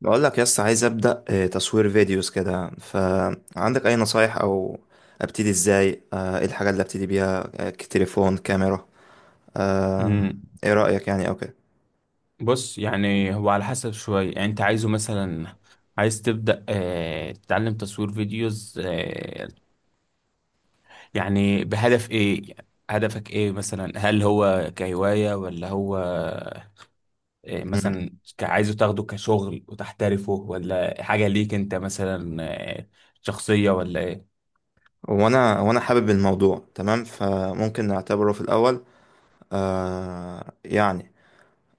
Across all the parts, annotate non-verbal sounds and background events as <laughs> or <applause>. بقول لك يس عايز ابدا تصوير فيديوز كده، فعندك اي نصايح او ابتدي ازاي؟ ايه الحاجه اللي ابتدي بيها؟ تليفون، كاميرا؟ آه، مم. ايه رايك يعني او كده؟ بص، يعني هو على حسب شوية. يعني انت عايزه مثلا عايز تبدأ تتعلم تصوير فيديوز يعني بهدف ايه؟ هدفك ايه مثلا؟ هل هو كهواية ولا هو مم. مثلا عايزه تاخده كشغل وتحترفه، ولا حاجة ليك انت مثلا آه، شخصية ولا ايه؟ وانا حابب الموضوع تمام، فممكن نعتبره في الاول آه، يعني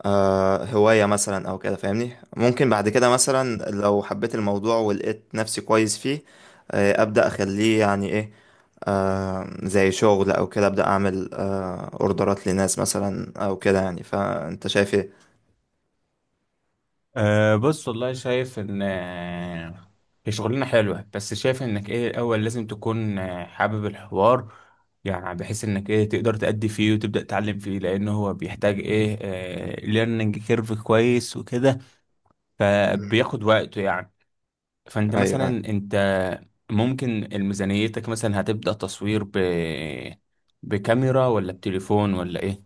هواية مثلا أو كده، فاهمني؟ ممكن بعد كده مثلا لو حبيت الموضوع ولقيت نفسي كويس فيه أبدأ أخليه يعني إيه، زي شغل أو كده، أبدأ أعمل أوردرات لناس مثلا أو كده يعني. فأنت شايف إيه؟ بص، والله شايف ان هي شغلانه حلوه، بس شايف انك ايه الاول لازم تكون حابب الحوار، يعني بحيث انك ايه تقدر تأدي فيه وتبدأ تتعلم فيه، لان هو بيحتاج ايه ليرنينج كيرف كويس وكده، فبياخد وقته يعني. فانت أيوه، مثلا أيوه. انت ممكن ميزانيتك مثلا هتبدأ تصوير بكاميرا ولا بتليفون ولا ايه؟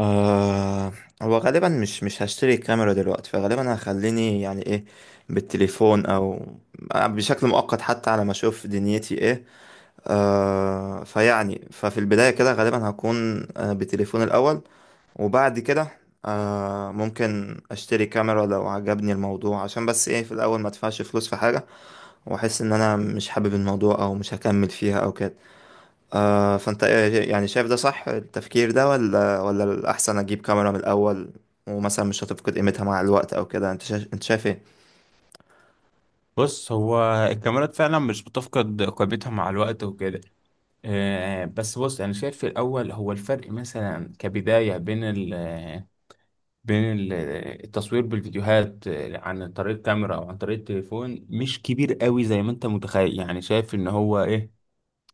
آه، هو غالبا مش هشتري الكاميرا دلوقتي، فغالبا هخليني يعني إيه، بالتليفون أو بشكل مؤقت حتى على ما أشوف دنيتي إيه. فيعني ففي البداية كده غالبا هكون بتليفون الأول، وبعد كده ممكن أشتري كاميرا لو عجبني الموضوع، عشان بس إيه، في الأول ما أدفعش فلوس في حاجة وأحس إن أنا مش حابب الموضوع أو مش هكمل فيها أو كده. فأنت إيه يعني، شايف ده صح التفكير ده ولا الأحسن أجيب كاميرا من الأول، ومثلا مش هتفقد قيمتها مع الوقت أو كده؟ أنت شايف إيه؟ بص، هو الكاميرات فعلا مش بتفقد قيمتها مع الوقت وكده. بس بص، انا شايف في الاول هو الفرق مثلا كبدايه بين ال بين ال- التصوير بالفيديوهات عن طريق الكاميرا او عن طريق التليفون مش كبير قوي زي ما انت متخيل. يعني شايف ان هو ايه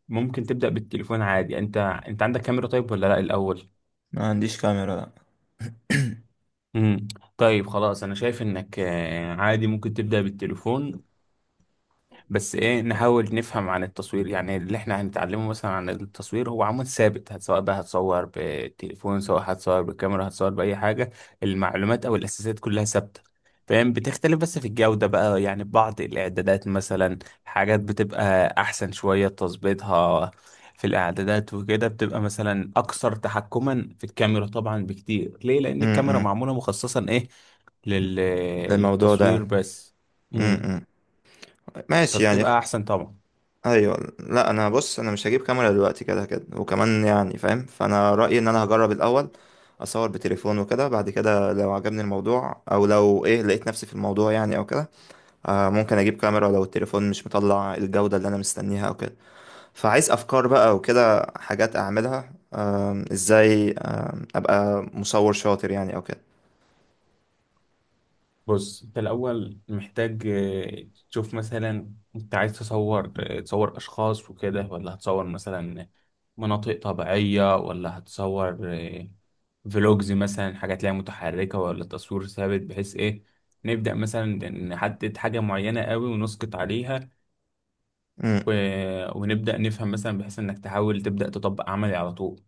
ممكن تبدا بالتليفون عادي. انت عندك كاميرا طيب ولا لا الاول؟ ما عنديش كاميرا، لا. امم طيب خلاص، انا شايف انك عادي ممكن تبدا بالتليفون. بس ايه نحاول نفهم عن التصوير. يعني اللي احنا هنتعلمه مثلا عن التصوير هو عمود ثابت، سواء بقى هتصور بتليفون سواء هتصور بكاميرا هتصور بأي حاجة، المعلومات او الاساسات كلها ثابتة. فاهم، بتختلف بس في الجودة بقى. يعني بعض الاعدادات مثلا، حاجات بتبقى احسن شوية تظبيطها في الاعدادات وكده، بتبقى مثلا اكثر تحكما في الكاميرا طبعا بكتير. ليه؟ لان الكاميرا امم. معمولة مخصصا ايه لل... للموضوع ده للتصوير يعني. بس. امم امم. ماشي يعني. فبتبقى احسن طبعا. ايوه، لا انا بص انا مش هجيب كاميرا دلوقتي، كده كده، وكمان يعني فاهم. فانا رايي ان انا هجرب الاول، اصور بتليفون وكده، بعد كده لو عجبني الموضوع او لو ايه لقيت نفسي في الموضوع يعني او كده ممكن اجيب كاميرا لو التليفون مش مطلع الجوده اللي انا مستنيها او كده. فعايز افكار بقى وكده، حاجات اعملها ازاي ابقى مصور شاطر يعني او كده. بص، انت الاول محتاج تشوف مثلا انت عايز تصور تصور اشخاص وكده، ولا هتصور مثلا مناطق طبيعية، ولا هتصور فلوجز مثلا، حاجات ليها متحركة ولا تصوير ثابت؟ بحيث ايه نبدأ مثلا نحدد حاجة معينة قوي ونسقط عليها. امم. و... ونبدأ نفهم مثلا بحيث انك تحاول تبدأ تطبق عملي على طول.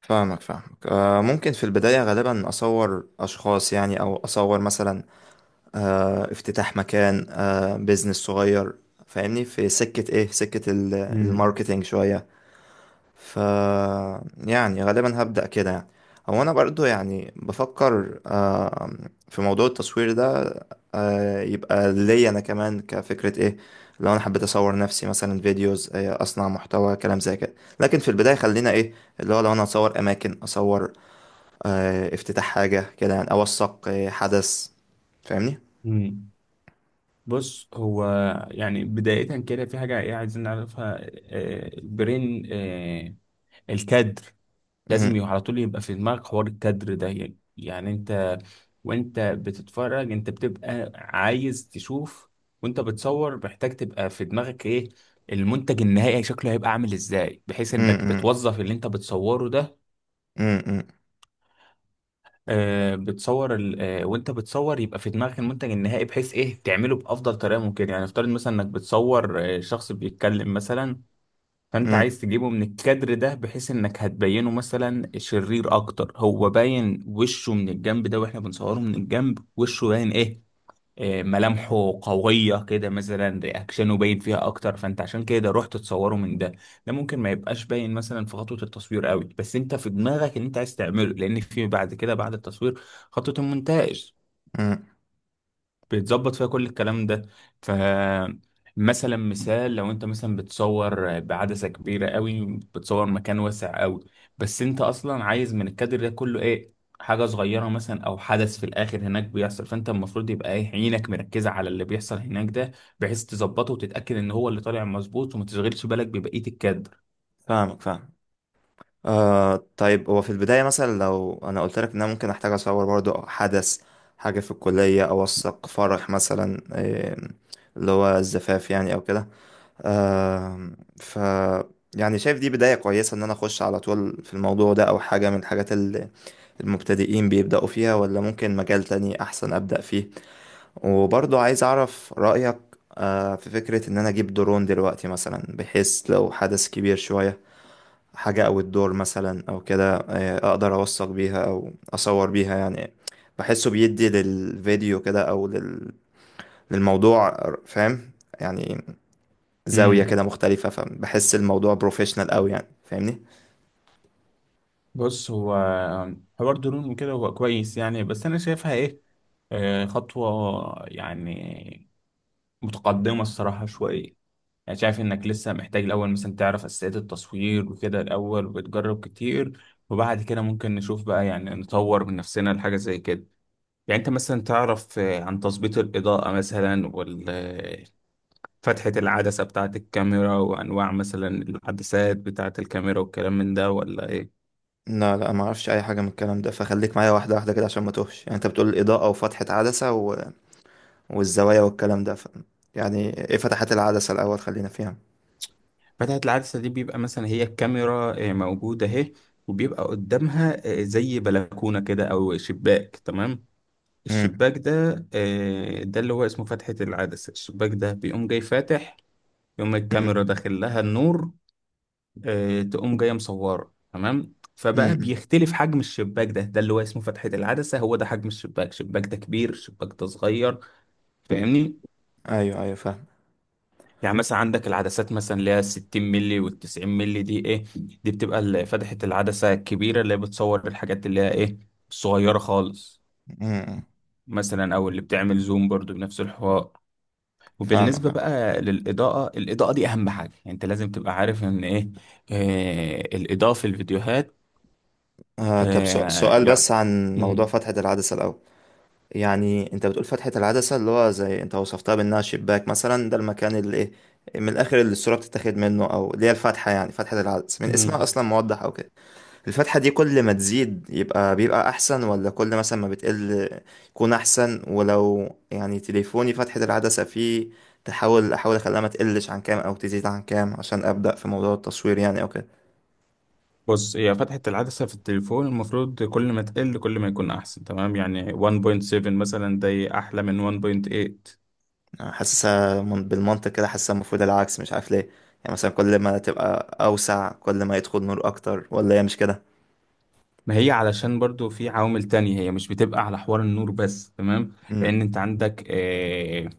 فاهمك، فاهمك. ممكن في البداية غالبا أصور أشخاص يعني، أو أصور مثلا افتتاح مكان، بيزنس صغير، فاهمني؟ في سكة ايه، في سكة مم. الماركتينج شوية. ف يعني غالبا هبدأ كده يعني. هو انا برضو يعني بفكر في موضوع التصوير ده، يبقى ليا انا كمان كفكرة ايه، لو انا حبيت اصور نفسي مثلا فيديوز، اصنع محتوى كلام زي كده. لكن في البداية خلينا ايه، اللي هو لو انا اصور اماكن، اصور افتتاح حاجة كده يعني، اوثق حدث، فاهمني؟ مم. بص، هو يعني بداية كده في حاجة ايه عايزين نعرفها البرين الكادر. لازم يبقى على طول يبقى في دماغك حوار الكادر ده. يعني انت وانت بتتفرج انت بتبقى عايز تشوف، وانت بتصور محتاج تبقى في دماغك ايه المنتج النهائي شكله هيبقى عامل ازاي، بحيث انك امم. بتوظف اللي انت بتصوره ده. امم. آه، بتصور ال... آه، وانت بتصور يبقى في دماغك المنتج النهائي بحيث ايه تعمله بافضل طريقه ممكن. يعني افترض مثلا انك بتصور شخص بيتكلم مثلا، فانت امم. عايز تجيبه من الكادر ده بحيث انك هتبينه مثلا شرير اكتر. هو باين وشه من الجنب ده، واحنا بنصوره من الجنب وشه باين ايه ملامحه قوية كده مثلا، رياكشنه باين فيها أكتر، فأنت عشان كده رحت تصوره من ده. ده ممكن ما يبقاش باين مثلا في خطوة التصوير قوي، بس أنت في دماغك إن أنت عايز تعمله، لأن في بعد كده بعد التصوير خطوة المونتاج امم. بيتظبط فيها كل الكلام ده. فمثلا مثال، لو انت مثلا بتصور بعدسة كبيرة قوي بتصور مكان واسع قوي، بس انت اصلا عايز من الكادر ده كله ايه، حاجة صغيرة مثلا او حدث في الاخر هناك بيحصل. فانت المفروض يبقى ايه عينك مركزة على اللي بيحصل هناك ده، بحيث تظبطه وتتأكد ان هو اللي طالع مظبوط، وما تشغلش بالك ببقية الكادر. فاهمك، فاهم. طيب هو في البداية مثلا لو أنا قلت لك إن أنا ممكن أحتاج أصور برضو حدث، حاجة في الكلية، أوثق فرح مثلا اللي هو الزفاف يعني أو كده. آم، ف يعني شايف دي بداية كويسة ان انا اخش على طول في الموضوع ده، او حاجة من الحاجات اللي المبتدئين بيبدأوا فيها، ولا ممكن مجال تاني احسن ابدأ فيه؟ وبرضه عايز اعرف رأيك في فكرة ان انا اجيب درون دلوقتي مثلا، بحيث لو حدث كبير شوية، حاجة او الدور مثلا او كده، اقدر اوثق بيها او اصور بيها يعني، بحسه بيدي للفيديو كده او للموضوع، فاهم؟ يعني زاوية كده امم مختلفة، فبحس الموضوع بروفيشنال قوي يعني، فاهمني؟ بص، هو حوار درون وكده هو كويس يعني، بس انا شايفها ايه خطوة يعني متقدمة الصراحة شوية. يعني شايف إنك لسه محتاج الأول مثلا تعرف أساسيات التصوير وكده الأول، وتجرب كتير، وبعد كده ممكن نشوف بقى يعني نطور من نفسنا لحاجة زي كده. يعني أنت مثلا تعرف عن تظبيط الإضاءة مثلا، فتحة العدسة بتاعة الكاميرا، وأنواع مثلا العدسات بتاعة الكاميرا، والكلام من ده ولا إيه؟ لا، لا، ما اعرفش اي حاجة من الكلام ده، فخليك معايا واحدة واحدة كده عشان ما توهش يعني. انت بتقول الإضاءة وفتحة عدسة والزوايا والكلام ده يعني ايه فتحات العدسة؟ الأول خلينا فيها. فتحة العدسة دي بيبقى مثلا هي الكاميرا موجودة أهي، وبيبقى قدامها زي بلكونة كده أو شباك تمام؟ مم. الشباك ده ده اللي هو اسمه فتحة العدسة. الشباك ده بيقوم جاي فاتح، يقوم مم. الكاميرا داخل لها النور تقوم جاية مصورة تمام. فبقى مم. بيختلف حجم الشباك ده، ده اللي هو اسمه فتحة العدسة. هو ده حجم الشباك، الشباك ده كبير الشباك ده صغير. فاهمني؟ ايوه، ايوه، فاهم. يعني مثلا عندك العدسات مثلا اللي هي 60 مللي وال 90 مللي، دي ايه؟ دي بتبقى فتحة العدسة الكبيرة اللي هي بتصور الحاجات اللي هي ايه الصغيرة خالص مم. مثلا، او اللي بتعمل زوم برضو بنفس الحوار. فاهمك، وبالنسبة فاهم. بقى للإضاءة، الإضاءة دي أهم حاجة. يعني أنت لازم تبقى عارف إن إيه الإضاءة في الفيديوهات طب آه سؤال يعني بس عن موضوع مم. فتحة العدسة الأول. يعني انت بتقول فتحة العدسة اللي هو زي انت وصفتها بانها شباك مثلا، ده المكان اللي ايه، من الاخر اللي الصورة بتتاخد منه، او اللي هي الفتحة، يعني فتحة العدسة من اسمها مم. اصلا موضح او كده. الفتحة دي كل ما تزيد يبقى بيبقى احسن، ولا كل مثلا ما بتقل يكون احسن؟ ولو يعني تليفوني فتحة العدسة فيه، احاول اخليها ما تقلش عن كام او تزيد عن كام عشان ابدأ في موضوع التصوير يعني او كده؟ بص، هي فتحة العدسة في التليفون المفروض كل ما تقل كل ما يكون أحسن تمام. يعني 1.7 مثلا ده أحلى من 1.8. حاسسها بالمنطق كده، حاسسها المفروض العكس، مش عارف ليه. يعني مثلا كل ما تبقى أوسع كل ما يدخل نور أكتر، ولا هي مش كده؟ ما هي علشان برضو في عوامل تانية، هي مش بتبقى على حوار النور بس تمام. امم. لأن أنت عندك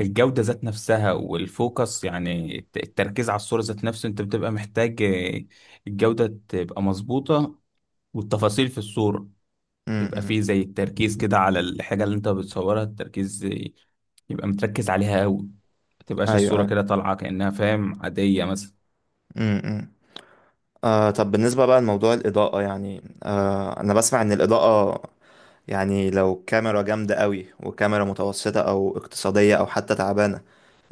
الجودة ذات نفسها، والفوكس يعني التركيز على الصورة ذات نفسه. انت بتبقى محتاج الجودة تبقى مظبوطة، والتفاصيل في الصورة يبقى امم. فيه زي التركيز كده على الحاجة اللي انت بتصورها، التركيز يبقى متركز عليها قوي، ما تبقاش أيوه، الصورة أيوه. كده طالعة كأنها فاهم عادية مثلا. امم. طب بالنسبة بقى لموضوع الإضاءة يعني، أنا بسمع إن الإضاءة يعني، لو كاميرا جامدة قوي وكاميرا متوسطة أو اقتصادية أو حتى تعبانة،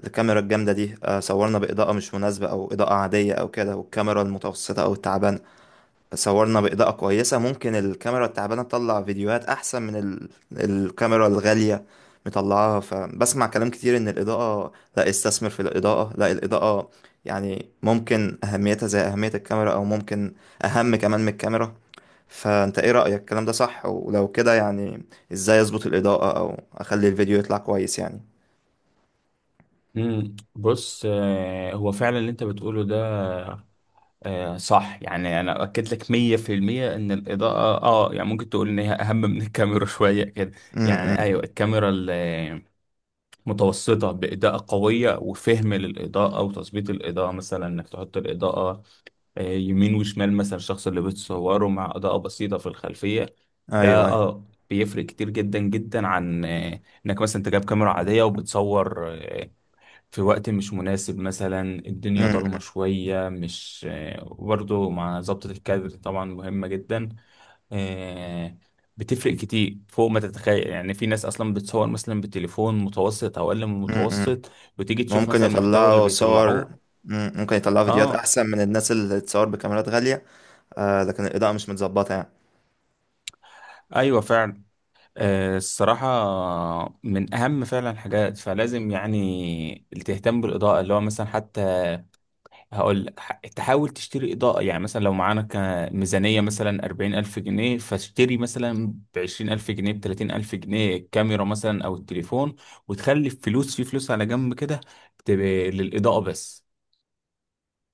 الكاميرا الجامدة دي صورنا بإضاءة مش مناسبة أو إضاءة عادية أو كده، والكاميرا المتوسطة أو التعبانة صورنا بإضاءة كويسة، ممكن الكاميرا التعبانة تطلع فيديوهات أحسن من الكاميرا الغالية مطلعاها. فبسمع كلام كتير إن الإضاءة، لا استثمر في الإضاءة، لا الإضاءة يعني ممكن أهميتها زي أهمية الكاميرا أو ممكن أهم كمان من الكاميرا. فأنت إيه رأيك، الكلام ده صح؟ ولو كده يعني إزاي أظبط الإضاءة أو أخلي الفيديو يطلع كويس يعني؟ مم. بص هو فعلا اللي انت بتقوله ده صح يعني. انا اؤكد لك 100% ان الاضاءة يعني ممكن تقول ان هي اهم من الكاميرا <laughs> شوية كده. امم. يعني ايوه، الكاميرا متوسطة بإضاءة قوية وفهم للإضاءة وتظبيط الإضاءة، مثلا إنك تحط الإضاءة يمين وشمال مثلا الشخص اللي بتصوره، مع إضاءة بسيطة في الخلفية، ده ايوه، ايوه. بيفرق كتير جدا جدا عن إنك مثلا أنت جايب كاميرا عادية وبتصور في وقت مش مناسب مثلا، الدنيا ضلمة شوية مش وبرضه مع ظبطة الكادر طبعا مهمة جدا. آه، بتفرق كتير فوق ما تتخيل يعني. في ناس اصلا بتصور مثلا بتليفون متوسط او اقل من امم. المتوسط، وتيجي تشوف ممكن مثلا المحتوى اللي يطلعوا صور، بيطلعوه. مم، ممكن يطلعوا فيديوهات اه، احسن من الناس اللي تصور بكاميرات غالية. لكن الإضاءة مش متظبطة يعني. ايوه فعلا. الصراحة من اهم فعلا حاجات، فلازم يعني تهتم بالاضاءة، اللي هو مثلا حتى هقول لك تحاول تشتري إضاءة. يعني مثلا لو معانا ميزانية مثلا 40,000 جنيه، فاشتري مثلا ب20,000 جنيه ب30,000 جنيه الكاميرا مثلا أو التليفون، وتخلي الفلوس في فلوس على جنب كده تبقى للإضاءة بس.